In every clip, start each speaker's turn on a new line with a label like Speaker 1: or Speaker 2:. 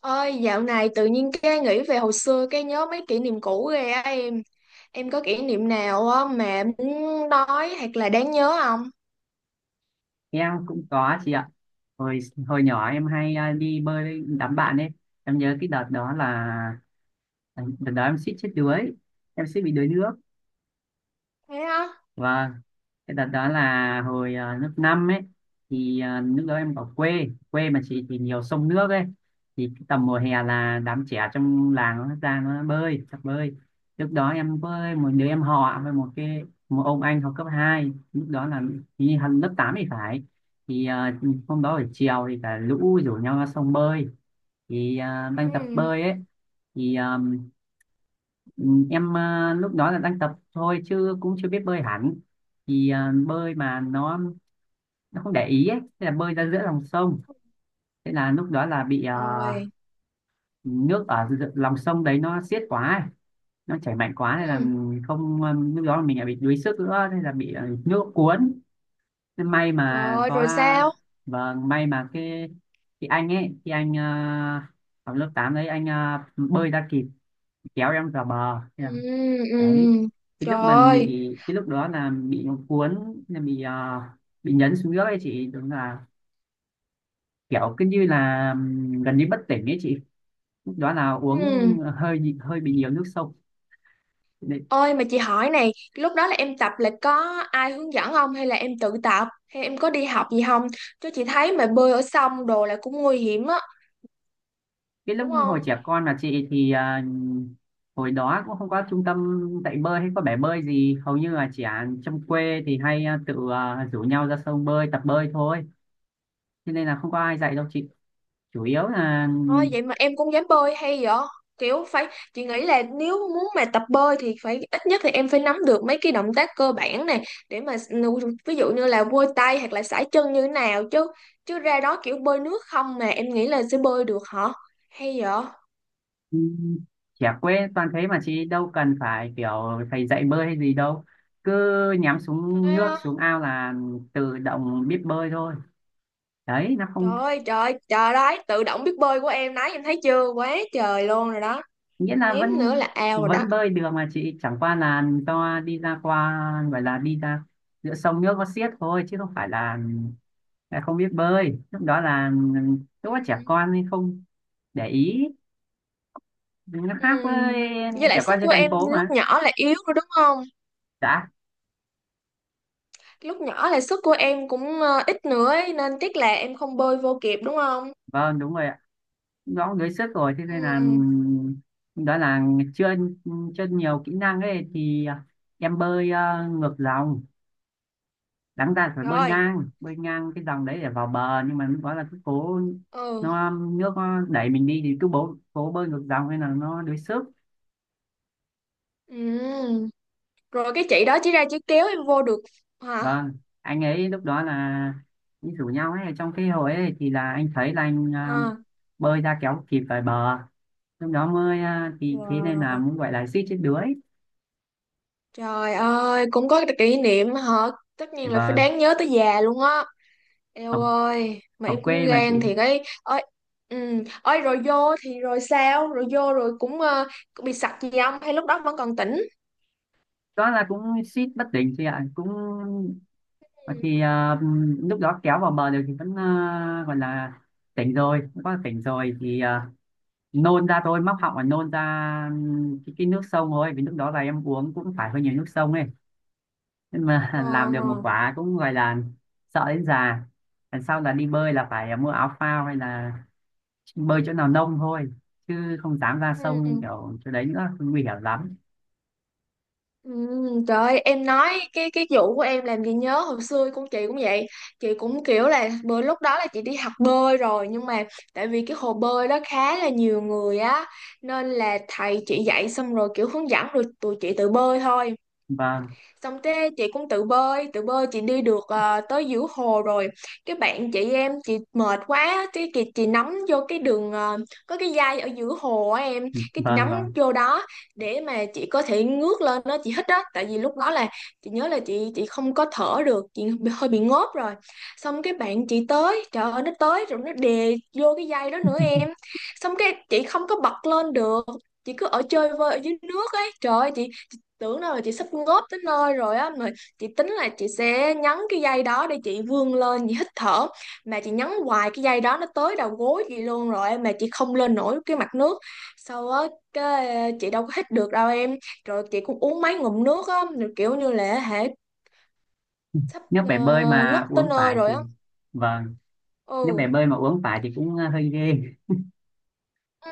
Speaker 1: Ôi, dạo này tự nhiên cái nghĩ về hồi xưa cái nhớ mấy kỷ niệm cũ ghê á em. Em có kỷ niệm nào á mà muốn nói hoặc là đáng nhớ không?
Speaker 2: Em cũng có chị ạ. Hồi hồi nhỏ em hay đi bơi với đám bạn ấy. Em nhớ cái đợt đó là đợt đó em suýt chết đuối. Em suýt bị đuối nước.
Speaker 1: Thế á?
Speaker 2: Và cái đợt đó là hồi lớp 5 ấy, thì lúc đó em ở quê quê mà chị thì nhiều sông nước ấy, thì cái tầm mùa hè là đám trẻ trong làng nó ra nó bơi tập bơi. Lúc đó em với một đứa em họ với một ông anh học cấp 2, lúc đó là đi học lớp 8 thì phải, thì hôm đó buổi chiều thì cả lũ rủ nhau ra sông bơi, thì đang
Speaker 1: Ừ.
Speaker 2: tập bơi ấy thì. Ừ, em lúc đó là đang tập thôi chứ cũng chưa biết bơi hẳn, thì bơi mà nó không để ý ấy, thế là bơi ra giữa lòng sông. Thế là lúc đó là bị
Speaker 1: Rồi.
Speaker 2: nước ở lòng sông đấy nó xiết quá ấy. Nó chảy mạnh quá nên là
Speaker 1: Ừ.
Speaker 2: không lúc đó là mình lại bị đuối sức nữa nên là bị nước cuốn. Thế may mà
Speaker 1: Rồi,
Speaker 2: có,
Speaker 1: rồi sao?
Speaker 2: vâng, may mà cái anh ấy thì anh học lớp 8 đấy, anh bơi ra kịp kéo em vào bờ
Speaker 1: Ừ,
Speaker 2: đấy.
Speaker 1: ừ.
Speaker 2: cái
Speaker 1: Trời
Speaker 2: lúc mình bị
Speaker 1: ơi.
Speaker 2: cái lúc đó là bị nó cuốn, là bị à, bị nhấn xuống nước ấy chị, đúng là kiểu cứ như là gần như bất tỉnh ấy chị. Lúc đó là uống
Speaker 1: Ừ.
Speaker 2: hơi hơi bị nhiều nước sông đấy.
Speaker 1: Ôi mà chị hỏi này, lúc đó là em tập là có ai hướng dẫn không hay là em tự tập hay em có đi học gì không? Chứ chị thấy mà bơi ở sông đồ là cũng nguy hiểm á,
Speaker 2: Cái lúc
Speaker 1: đúng
Speaker 2: hồi
Speaker 1: không?
Speaker 2: trẻ con là chị thì hồi đó cũng không có trung tâm dạy bơi hay có bể bơi gì, hầu như là trẻ trong quê thì hay tự rủ nhau ra sông bơi tập bơi thôi, cho nên là không có ai dạy đâu chị, chủ yếu là.
Speaker 1: Ôi vậy mà em cũng dám bơi hay vậy? Kiểu phải chị nghĩ là nếu muốn mà tập bơi thì phải ít nhất thì em phải nắm được mấy cái động tác cơ bản này để mà ví dụ như là vôi tay hoặc là sải chân như thế nào chứ chứ ra đó kiểu bơi nước không mà em nghĩ là sẽ bơi được hả? Hay vậy?
Speaker 2: Ừ, trẻ quê toàn thế mà chị, đâu cần phải kiểu thầy dạy bơi hay gì đâu, cứ nhắm xuống
Speaker 1: Thế
Speaker 2: nước
Speaker 1: á.
Speaker 2: xuống ao là tự động biết bơi thôi. Đấy nó không
Speaker 1: Trời ơi, trời ơi, trời đấy, tự động biết bơi của em đấy, em thấy chưa? Quá trời luôn rồi đó.
Speaker 2: nghĩa là vẫn
Speaker 1: Mém nữa là ao rồi đó.
Speaker 2: vẫn bơi được mà chị, chẳng qua là do đi ra qua, gọi là đi ra giữa sông nước có xiết thôi, chứ không phải là không biết bơi,
Speaker 1: Ừ.
Speaker 2: lúc đó trẻ con nên không để ý, nó
Speaker 1: Ừ.
Speaker 2: khác với
Speaker 1: Với lại
Speaker 2: trẻ
Speaker 1: sức
Speaker 2: con
Speaker 1: của
Speaker 2: trên thành
Speaker 1: em
Speaker 2: phố
Speaker 1: lúc
Speaker 2: mà.
Speaker 1: nhỏ là yếu rồi đúng không?
Speaker 2: Dạ
Speaker 1: Lúc nhỏ là sức của em cũng ít nữa ấy, nên tiếc là em không bơi vô kịp đúng không?
Speaker 2: vâng, đúng rồi, nó đuối sức rồi thế
Speaker 1: Ừ,
Speaker 2: nên là, đó là chưa chưa nhiều kỹ năng ấy thì em bơi ngược dòng, đáng ra phải bơi
Speaker 1: rồi.
Speaker 2: ngang bơi ngang cái dòng đấy để vào bờ, nhưng mà lúc đó là cứ cố,
Speaker 1: Ừ.
Speaker 2: nó nước nó đẩy mình đi thì cứ cố bơi ngược dòng nên là nó đuối sức.
Speaker 1: Ừ. Rồi cái chị đó chỉ ra chỉ kéo em vô được hả?
Speaker 2: Vâng, anh ấy lúc đó là đi rủ nhau ấy trong cái hồi ấy thì là anh thấy là anh
Speaker 1: À.
Speaker 2: bơi ra kéo kịp về bờ. Lúc đó mới thì thế nên là
Speaker 1: Wow.
Speaker 2: muốn gọi là suýt chết đuối.
Speaker 1: Trời ơi, cũng có cái kỷ niệm hả? Tất nhiên là phải
Speaker 2: Vâng,
Speaker 1: đáng nhớ tới già luôn á. Eo ơi, mà
Speaker 2: ở
Speaker 1: em cũng
Speaker 2: quê mà chị.
Speaker 1: gan thì cái ơi. Ừ. Ôi rồi vô thì rồi sao? Rồi vô rồi cũng bị sặc gì không? Hay lúc đó vẫn còn tỉnh?
Speaker 2: Đó là cũng suýt bất tỉnh chị ạ, cũng
Speaker 1: Ừ.
Speaker 2: thì lúc đó kéo vào bờ được thì vẫn gọi là tỉnh rồi, cũng có tỉnh rồi thì nôn ra thôi, móc họng và nôn ra cái nước sông thôi, vì lúc đó là em uống cũng phải hơi nhiều nước sông ấy, nhưng mà làm được một
Speaker 1: Ờ.
Speaker 2: quả cũng gọi là sợ đến già. Lần sau là đi bơi là phải mua áo phao hay là bơi chỗ nào nông thôi, chứ không dám ra sông
Speaker 1: Ừ.
Speaker 2: kiểu chỗ đấy nữa, nguy hiểm lắm.
Speaker 1: Trời ơi, em nói cái vụ của em làm gì nhớ hồi xưa con chị cũng vậy. Chị cũng kiểu là bữa lúc đó là chị đi học bơi rồi, nhưng mà tại vì cái hồ bơi đó khá là nhiều người á, nên là thầy chị dạy xong rồi kiểu hướng dẫn rồi tụi chị tự bơi thôi.
Speaker 2: Vâng,
Speaker 1: Xong thế chị cũng tự bơi tự bơi, chị đi được tới giữa hồ rồi, cái bạn chị em chị mệt quá, cái chị nắm vô cái đường có cái dây ở giữa hồ á em, cái chị
Speaker 2: vâng,
Speaker 1: nắm
Speaker 2: vâng.
Speaker 1: vô đó để mà chị có thể ngước lên đó chị hít đó, tại vì lúc đó là chị nhớ là chị không có thở được, hơi bị ngốp rồi. Xong cái bạn chị tới, trời ơi, nó tới rồi nó đè vô cái dây đó nữa em, xong cái chị không có bật lên được, chị cứ ở chơi vơi ở dưới nước ấy. Trời ơi, chị tưởng đâu là chị sắp ngốp tới nơi rồi á, mà chị tính là chị sẽ nhấn cái dây đó để chị vươn lên chị hít thở, mà chị nhấn hoài cái dây đó nó tới đầu gối chị luôn rồi em, mà chị không lên nổi cái mặt nước sau á, cái chị đâu có hít được đâu em. Rồi chị cũng uống mấy ngụm nước á, rồi kiểu như là hễ sắp
Speaker 2: Nếu bể bơi
Speaker 1: ngất
Speaker 2: mà
Speaker 1: tới
Speaker 2: uống
Speaker 1: nơi
Speaker 2: phải
Speaker 1: rồi
Speaker 2: thì,
Speaker 1: á.
Speaker 2: vâng, nước bể
Speaker 1: Ừ.
Speaker 2: bơi mà uống phải thì cũng hơi ghê.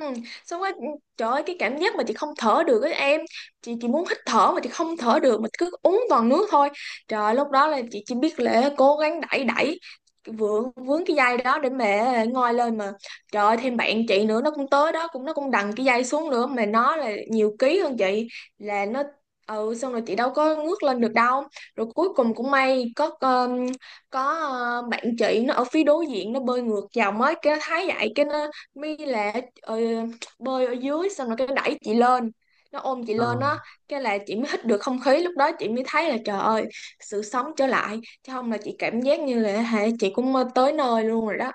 Speaker 1: Ừ. Xong rồi trời ơi, cái cảm giác mà chị không thở được ấy em, chị muốn hít thở mà chị không thở được mà cứ uống toàn nước thôi. Trời ơi, lúc đó là chị chỉ biết là cố gắng đẩy đẩy vướng vướng cái dây đó để mẹ ngoi lên mà. Trời ơi, thêm bạn chị nữa, nó cũng tới đó, cũng nó cũng đằng cái dây xuống nữa, mà nó là nhiều ký hơn chị, là nó. Ừ, xong rồi chị đâu có ngước lên được đâu. Rồi cuối cùng cũng may có bạn chị nó ở phía đối diện nó bơi ngược dòng ấy, cái nó thấy vậy cái nó My là ờ, bơi ở dưới, xong rồi cái đẩy chị lên, nó ôm chị
Speaker 2: Ờ,
Speaker 1: lên á, cái là chị mới hít được không khí. Lúc đó chị mới thấy là trời ơi, sự sống trở lại, chứ không là chị cảm giác như là hả, chị cũng mơ tới nơi luôn rồi đó.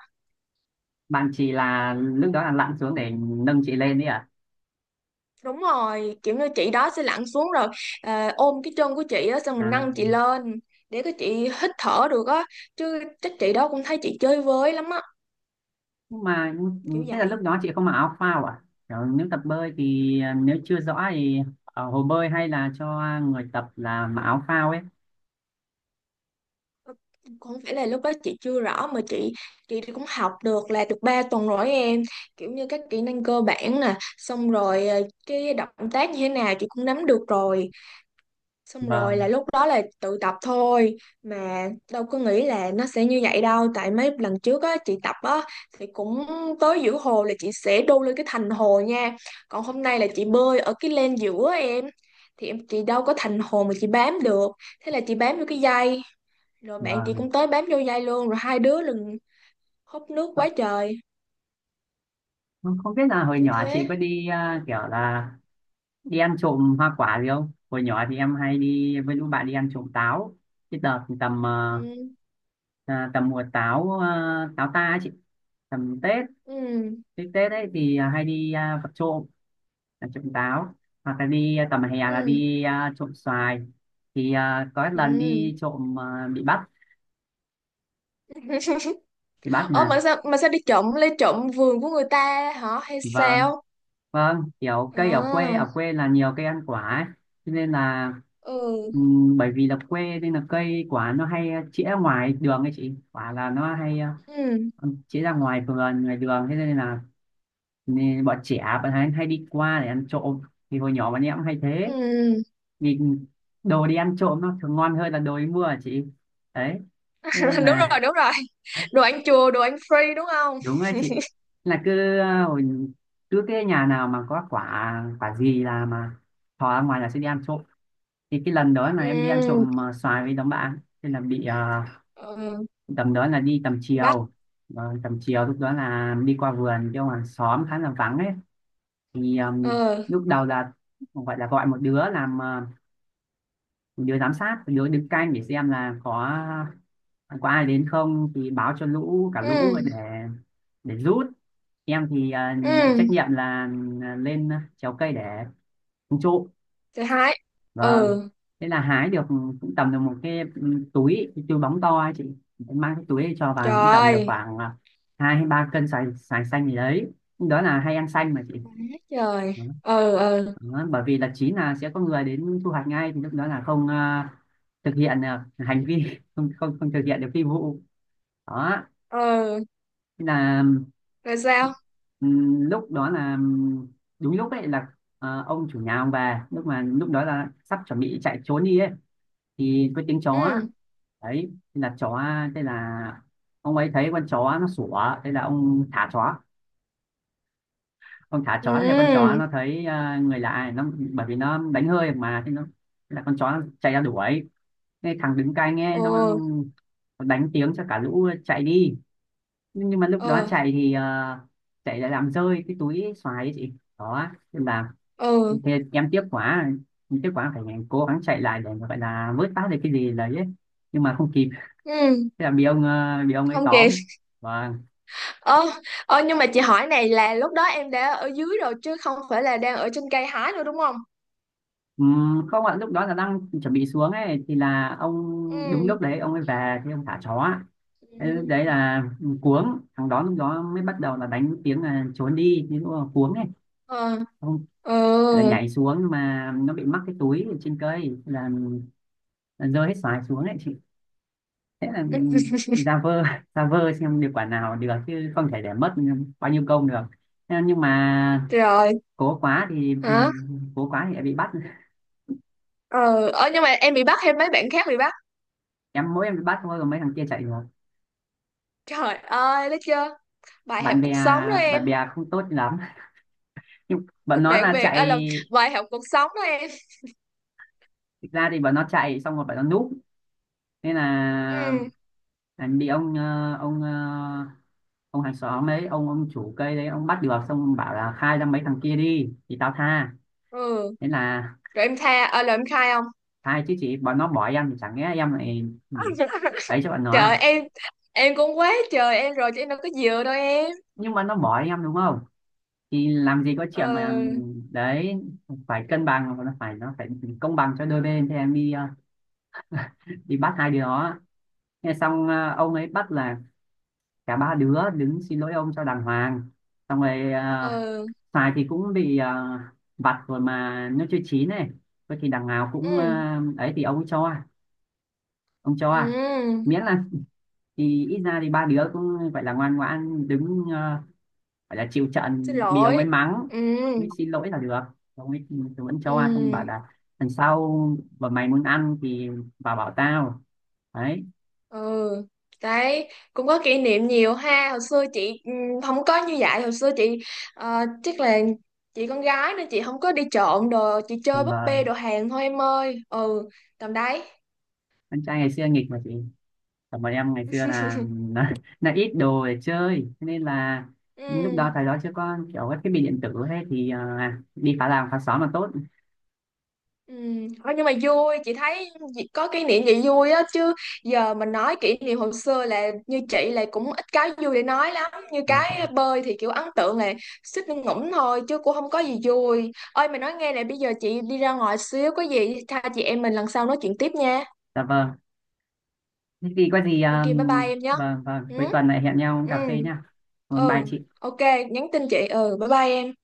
Speaker 2: bạn chị là lúc đó là lặn xuống để nâng chị lên đấy à?
Speaker 1: Đúng rồi, kiểu như chị đó sẽ lặn xuống rồi ôm cái chân của chị á, xong mình
Speaker 2: À,
Speaker 1: nâng chị lên để cái chị hít thở được á, chứ chắc chị đó cũng thấy chị chơi với lắm á
Speaker 2: nhưng mà
Speaker 1: kiểu
Speaker 2: thế là
Speaker 1: vậy.
Speaker 2: lúc đó chị không mặc áo phao à? Kiểu nếu tập bơi thì nếu chưa rõ thì ở hồ bơi hay là cho người tập là mặc áo phao ấy.
Speaker 1: Không phải là lúc đó chị chưa rõ mà chị thì cũng học được là được 3 tuần rồi em, kiểu như các kỹ năng cơ bản nè, xong rồi cái động tác như thế nào chị cũng nắm được rồi, xong rồi là
Speaker 2: Vâng,
Speaker 1: lúc đó là tự tập thôi, mà đâu có nghĩ là nó sẽ như vậy đâu. Tại mấy lần trước á chị tập á thì cũng tới giữa hồ là chị sẽ đu lên cái thành hồ nha, còn hôm nay là chị bơi ở cái len giữa á em, thì em chị đâu có thành hồ mà chị bám được, thế là chị bám vô cái dây, rồi bạn chị
Speaker 2: vâng.
Speaker 1: cũng tới bám vô dây luôn, rồi hai đứa lần húp nước
Speaker 2: Ờ,
Speaker 1: quá trời
Speaker 2: Không không biết là hồi
Speaker 1: kiểu
Speaker 2: nhỏ chị
Speaker 1: thế.
Speaker 2: có đi kiểu là đi ăn trộm hoa quả gì không? Hồi nhỏ thì em hay đi với lũ bạn đi ăn trộm táo. Cái đợt tầm
Speaker 1: Ừ.
Speaker 2: tầm mùa táo, táo ta ấy chị, tầm Tết,
Speaker 1: Ừ.
Speaker 2: cái Tết ấy thì hay đi vặt trộm, trộm táo, hoặc là đi tầm hè là
Speaker 1: Ừ.
Speaker 2: đi trộm xoài, thì có một lần
Speaker 1: Ừ.
Speaker 2: đi trộm bị bắt
Speaker 1: Ơ
Speaker 2: mà,
Speaker 1: mà sao đi trộm lấy trộm vườn của người ta hả hay
Speaker 2: vâng,
Speaker 1: sao?
Speaker 2: vâng, kiểu cây ở quê
Speaker 1: À.
Speaker 2: ở quê là nhiều cây ăn quả ấy. Cho nên là
Speaker 1: Ừ.
Speaker 2: bởi vì là quê nên là cây quả nó hay chĩa ngoài đường ấy chị, quả là nó hay
Speaker 1: Ừ.
Speaker 2: chĩa ra ngoài vườn ngoài đường, thế nên là nên bọn trẻ bạn hay đi qua để ăn trộm, thì hồi nhỏ bọn em cũng hay thế.
Speaker 1: Ừ.
Speaker 2: Nhìn đồ đi ăn trộm nó thường ngon hơn là đồ đi mua hả chị? Đấy thế nên
Speaker 1: Đúng rồi,
Speaker 2: là
Speaker 1: đúng rồi. Đồ ăn chùa, đồ ăn free, đúng không?
Speaker 2: đúng rồi chị, là cứ hồi, cứ cái nhà nào mà có quả quả gì là mà thò ra ngoài là sẽ đi ăn trộm. Thì cái lần đó là em đi ăn
Speaker 1: Ừ.
Speaker 2: trộm xoài với đám bạn thế là bị
Speaker 1: Ừ.
Speaker 2: tầm đó là đi tầm
Speaker 1: Đi bắt.
Speaker 2: chiều, vâng, tầm chiều lúc đó là đi qua vườn chỗ hàng xóm khá là vắng ấy, thì
Speaker 1: Ừ.
Speaker 2: lúc đầu là gọi một đứa làm một đứa giám sát, một đứa đứng canh để xem là có ờ, có ai đến không thì báo cho cả lũ
Speaker 1: Ừ.
Speaker 2: để rút. Em thì nhận trách
Speaker 1: Ừ.
Speaker 2: nhiệm là lên trèo cây để hái trộm.
Speaker 1: Thứ hai.
Speaker 2: Vâng,
Speaker 1: Ừ.
Speaker 2: thế là hái được cũng tầm được một cái, cái túi bóng to ấy chị. Em mang cái túi ấy cho vào cũng tầm được
Speaker 1: Trời.
Speaker 2: khoảng 2 hay 3 cân xoài xoài xanh gì đấy, đó là hay ăn xanh mà chị.
Speaker 1: Quá trời.
Speaker 2: Vâng.
Speaker 1: Ừ. Ừ.
Speaker 2: Đó, bởi vì là chín là sẽ có người đến thu hoạch ngay, thì lúc đó là không thực hiện được hành vi. không không không thực hiện được phi vụ đó.
Speaker 1: Ừ.
Speaker 2: Thế là
Speaker 1: Rồi sao?
Speaker 2: lúc đó là đúng lúc ấy là ông chủ nhà ông về, lúc đó là sắp chuẩn bị chạy trốn đi ấy thì có tiếng chó
Speaker 1: Ừ.
Speaker 2: đấy. Thế là chó, thế là ông ấy thấy con chó nó sủa thế là ông thả chó, con thả chó thì con chó
Speaker 1: Ừ.
Speaker 2: nó thấy người lạ, nó bởi vì nó đánh hơi mà thế nó, thế là con chó nó chạy ra đuổi. Thế thằng đứng cai nghe
Speaker 1: Ờ.
Speaker 2: nó đánh tiếng cho cả lũ chạy đi, nhưng mà lúc đó
Speaker 1: Ờ.
Speaker 2: chạy thì chạy lại làm rơi cái túi xoài ấy chị, đó nên là
Speaker 1: Ừ.
Speaker 2: thế em tiếc quá phải cố gắng chạy lại để mà gọi là vớt phát được cái gì đấy ấy, nhưng mà không kịp,
Speaker 1: Ừ.
Speaker 2: thế là bị ông ấy
Speaker 1: Không kịp.
Speaker 2: tóm và.
Speaker 1: Ơ, ơ, nhưng mà chị hỏi này là lúc đó em đã ở dưới rồi, chứ không phải là đang ở trên cây hái nữa, đúng không?
Speaker 2: Không ạ, lúc đó là đang chuẩn bị xuống ấy thì là ông, đúng
Speaker 1: Ừ.
Speaker 2: lúc đấy ông ấy về thì ông thả chó ạ. Thế lúc đấy
Speaker 1: Ừ.
Speaker 2: là cuống, thằng đó lúc đó mới bắt đầu là đánh tiếng là trốn đi nhưng mà cuống ấy,
Speaker 1: Ờ.
Speaker 2: ông
Speaker 1: Ờ.
Speaker 2: là nhảy xuống nhưng mà nó bị mắc cái túi ở trên cây là rơi hết xoài xuống ấy chị, thế là
Speaker 1: Ừ.
Speaker 2: ra vơ ra vơ xem được quả nào được chứ không thể để mất bao nhiêu công được. Thế nhưng mà
Speaker 1: Rồi.
Speaker 2: cố quá thì
Speaker 1: Hả?
Speaker 2: cố quá thì lại bị bắt.
Speaker 1: Ờ, ờ, nhưng mà em bị bắt hay mấy bạn khác bị bắt?
Speaker 2: Em mỗi em bị bắt thôi còn mấy thằng kia chạy rồi,
Speaker 1: Trời ơi, thấy chưa? Bài học
Speaker 2: bạn bè
Speaker 1: cuộc sống đó em.
Speaker 2: bạn bè không tốt lắm, nhưng bọn nó
Speaker 1: Bạn
Speaker 2: là
Speaker 1: bè là
Speaker 2: chạy,
Speaker 1: bài học cuộc sống đó em.
Speaker 2: thực ra thì bọn nó chạy xong rồi bọn nó núp nên là
Speaker 1: Ừ.
Speaker 2: là bị ông hàng xóm ấy, ông chủ cây đấy ông bắt được, xong bảo là khai ra mấy thằng kia đi thì tao tha,
Speaker 1: Ừ.
Speaker 2: nên là
Speaker 1: Rồi em tha là em khai không?
Speaker 2: khai chứ chị, bọn nó bỏ em thì chẳng lẽ em lại ừ, ấy cho bọn nó
Speaker 1: Trời
Speaker 2: à,
Speaker 1: em cũng quá trời em rồi, chứ em đâu có dừa đâu em.
Speaker 2: nhưng mà nó bỏ em đúng không thì làm gì có chuyện mà
Speaker 1: Ờ.
Speaker 2: đấy, phải cân bằng nó phải công bằng cho đôi bên. Thì em đi đi bắt hai đứa đó. Nghe xong ông ấy bắt là cả ba đứa đứng xin lỗi ông cho đàng hoàng, xong rồi
Speaker 1: Ờ.
Speaker 2: xoài thì cũng bị vặt rồi mà nó chưa chín này, thôi thì đằng nào cũng
Speaker 1: Ừ.
Speaker 2: ấy thì ông ấy cho, ông cho
Speaker 1: Ừ.
Speaker 2: miễn là, thì ít ra thì ba đứa cũng gọi là ngoan ngoãn đứng gọi là chịu
Speaker 1: Xin
Speaker 2: trận bị ông
Speaker 1: lỗi.
Speaker 2: ấy mắng
Speaker 1: Ừ.
Speaker 2: mới xin lỗi là được. Ông ấy thì vẫn cho xong bảo
Speaker 1: Ừ.
Speaker 2: là lần sau mà mày muốn ăn thì vào bảo tao đấy.
Speaker 1: Ừ. Đấy, cũng có kỷ niệm nhiều ha hồi xưa. Chị không có như vậy hồi xưa. Chị chắc là chị con gái, nên chị không có đi trộm đồ, chị chơi búp bê
Speaker 2: Và
Speaker 1: đồ hàng thôi em ơi. Ừ, tầm đấy.
Speaker 2: anh trai ngày xưa nghịch mà chị. Còn bọn em ngày xưa là ít đồ để chơi. Thế nên là lúc đó
Speaker 1: Ừ.
Speaker 2: thời đó chưa có kiểu các thiết bị điện tử thế thì đi phá làng phá xóm là tốt.
Speaker 1: Ừ. Thôi, nhưng mà vui, chị thấy chị có kỷ niệm vậy vui á chứ. Giờ mình nói kỷ niệm hồi xưa là như chị là cũng ít cái vui để nói lắm, như
Speaker 2: Vâng, vâng.
Speaker 1: cái bơi thì kiểu ấn tượng là suýt ngủm ngủm thôi chứ cũng không có gì vui. Ơi mày, nói nghe nè, bây giờ chị đi ra ngoài xíu, có gì tha chị em mình lần sau nói chuyện tiếp nha.
Speaker 2: Dạ vâng, thế thì có gì
Speaker 1: OK, bye bye em nhé.
Speaker 2: vâng, vâng,
Speaker 1: Ừ.
Speaker 2: cuối tuần lại hẹn nhau uống
Speaker 1: Ừ.
Speaker 2: cà phê nha. Vâng, bye
Speaker 1: Ừ.
Speaker 2: chị.
Speaker 1: OK, nhắn tin chị. Ừ, bye bye em.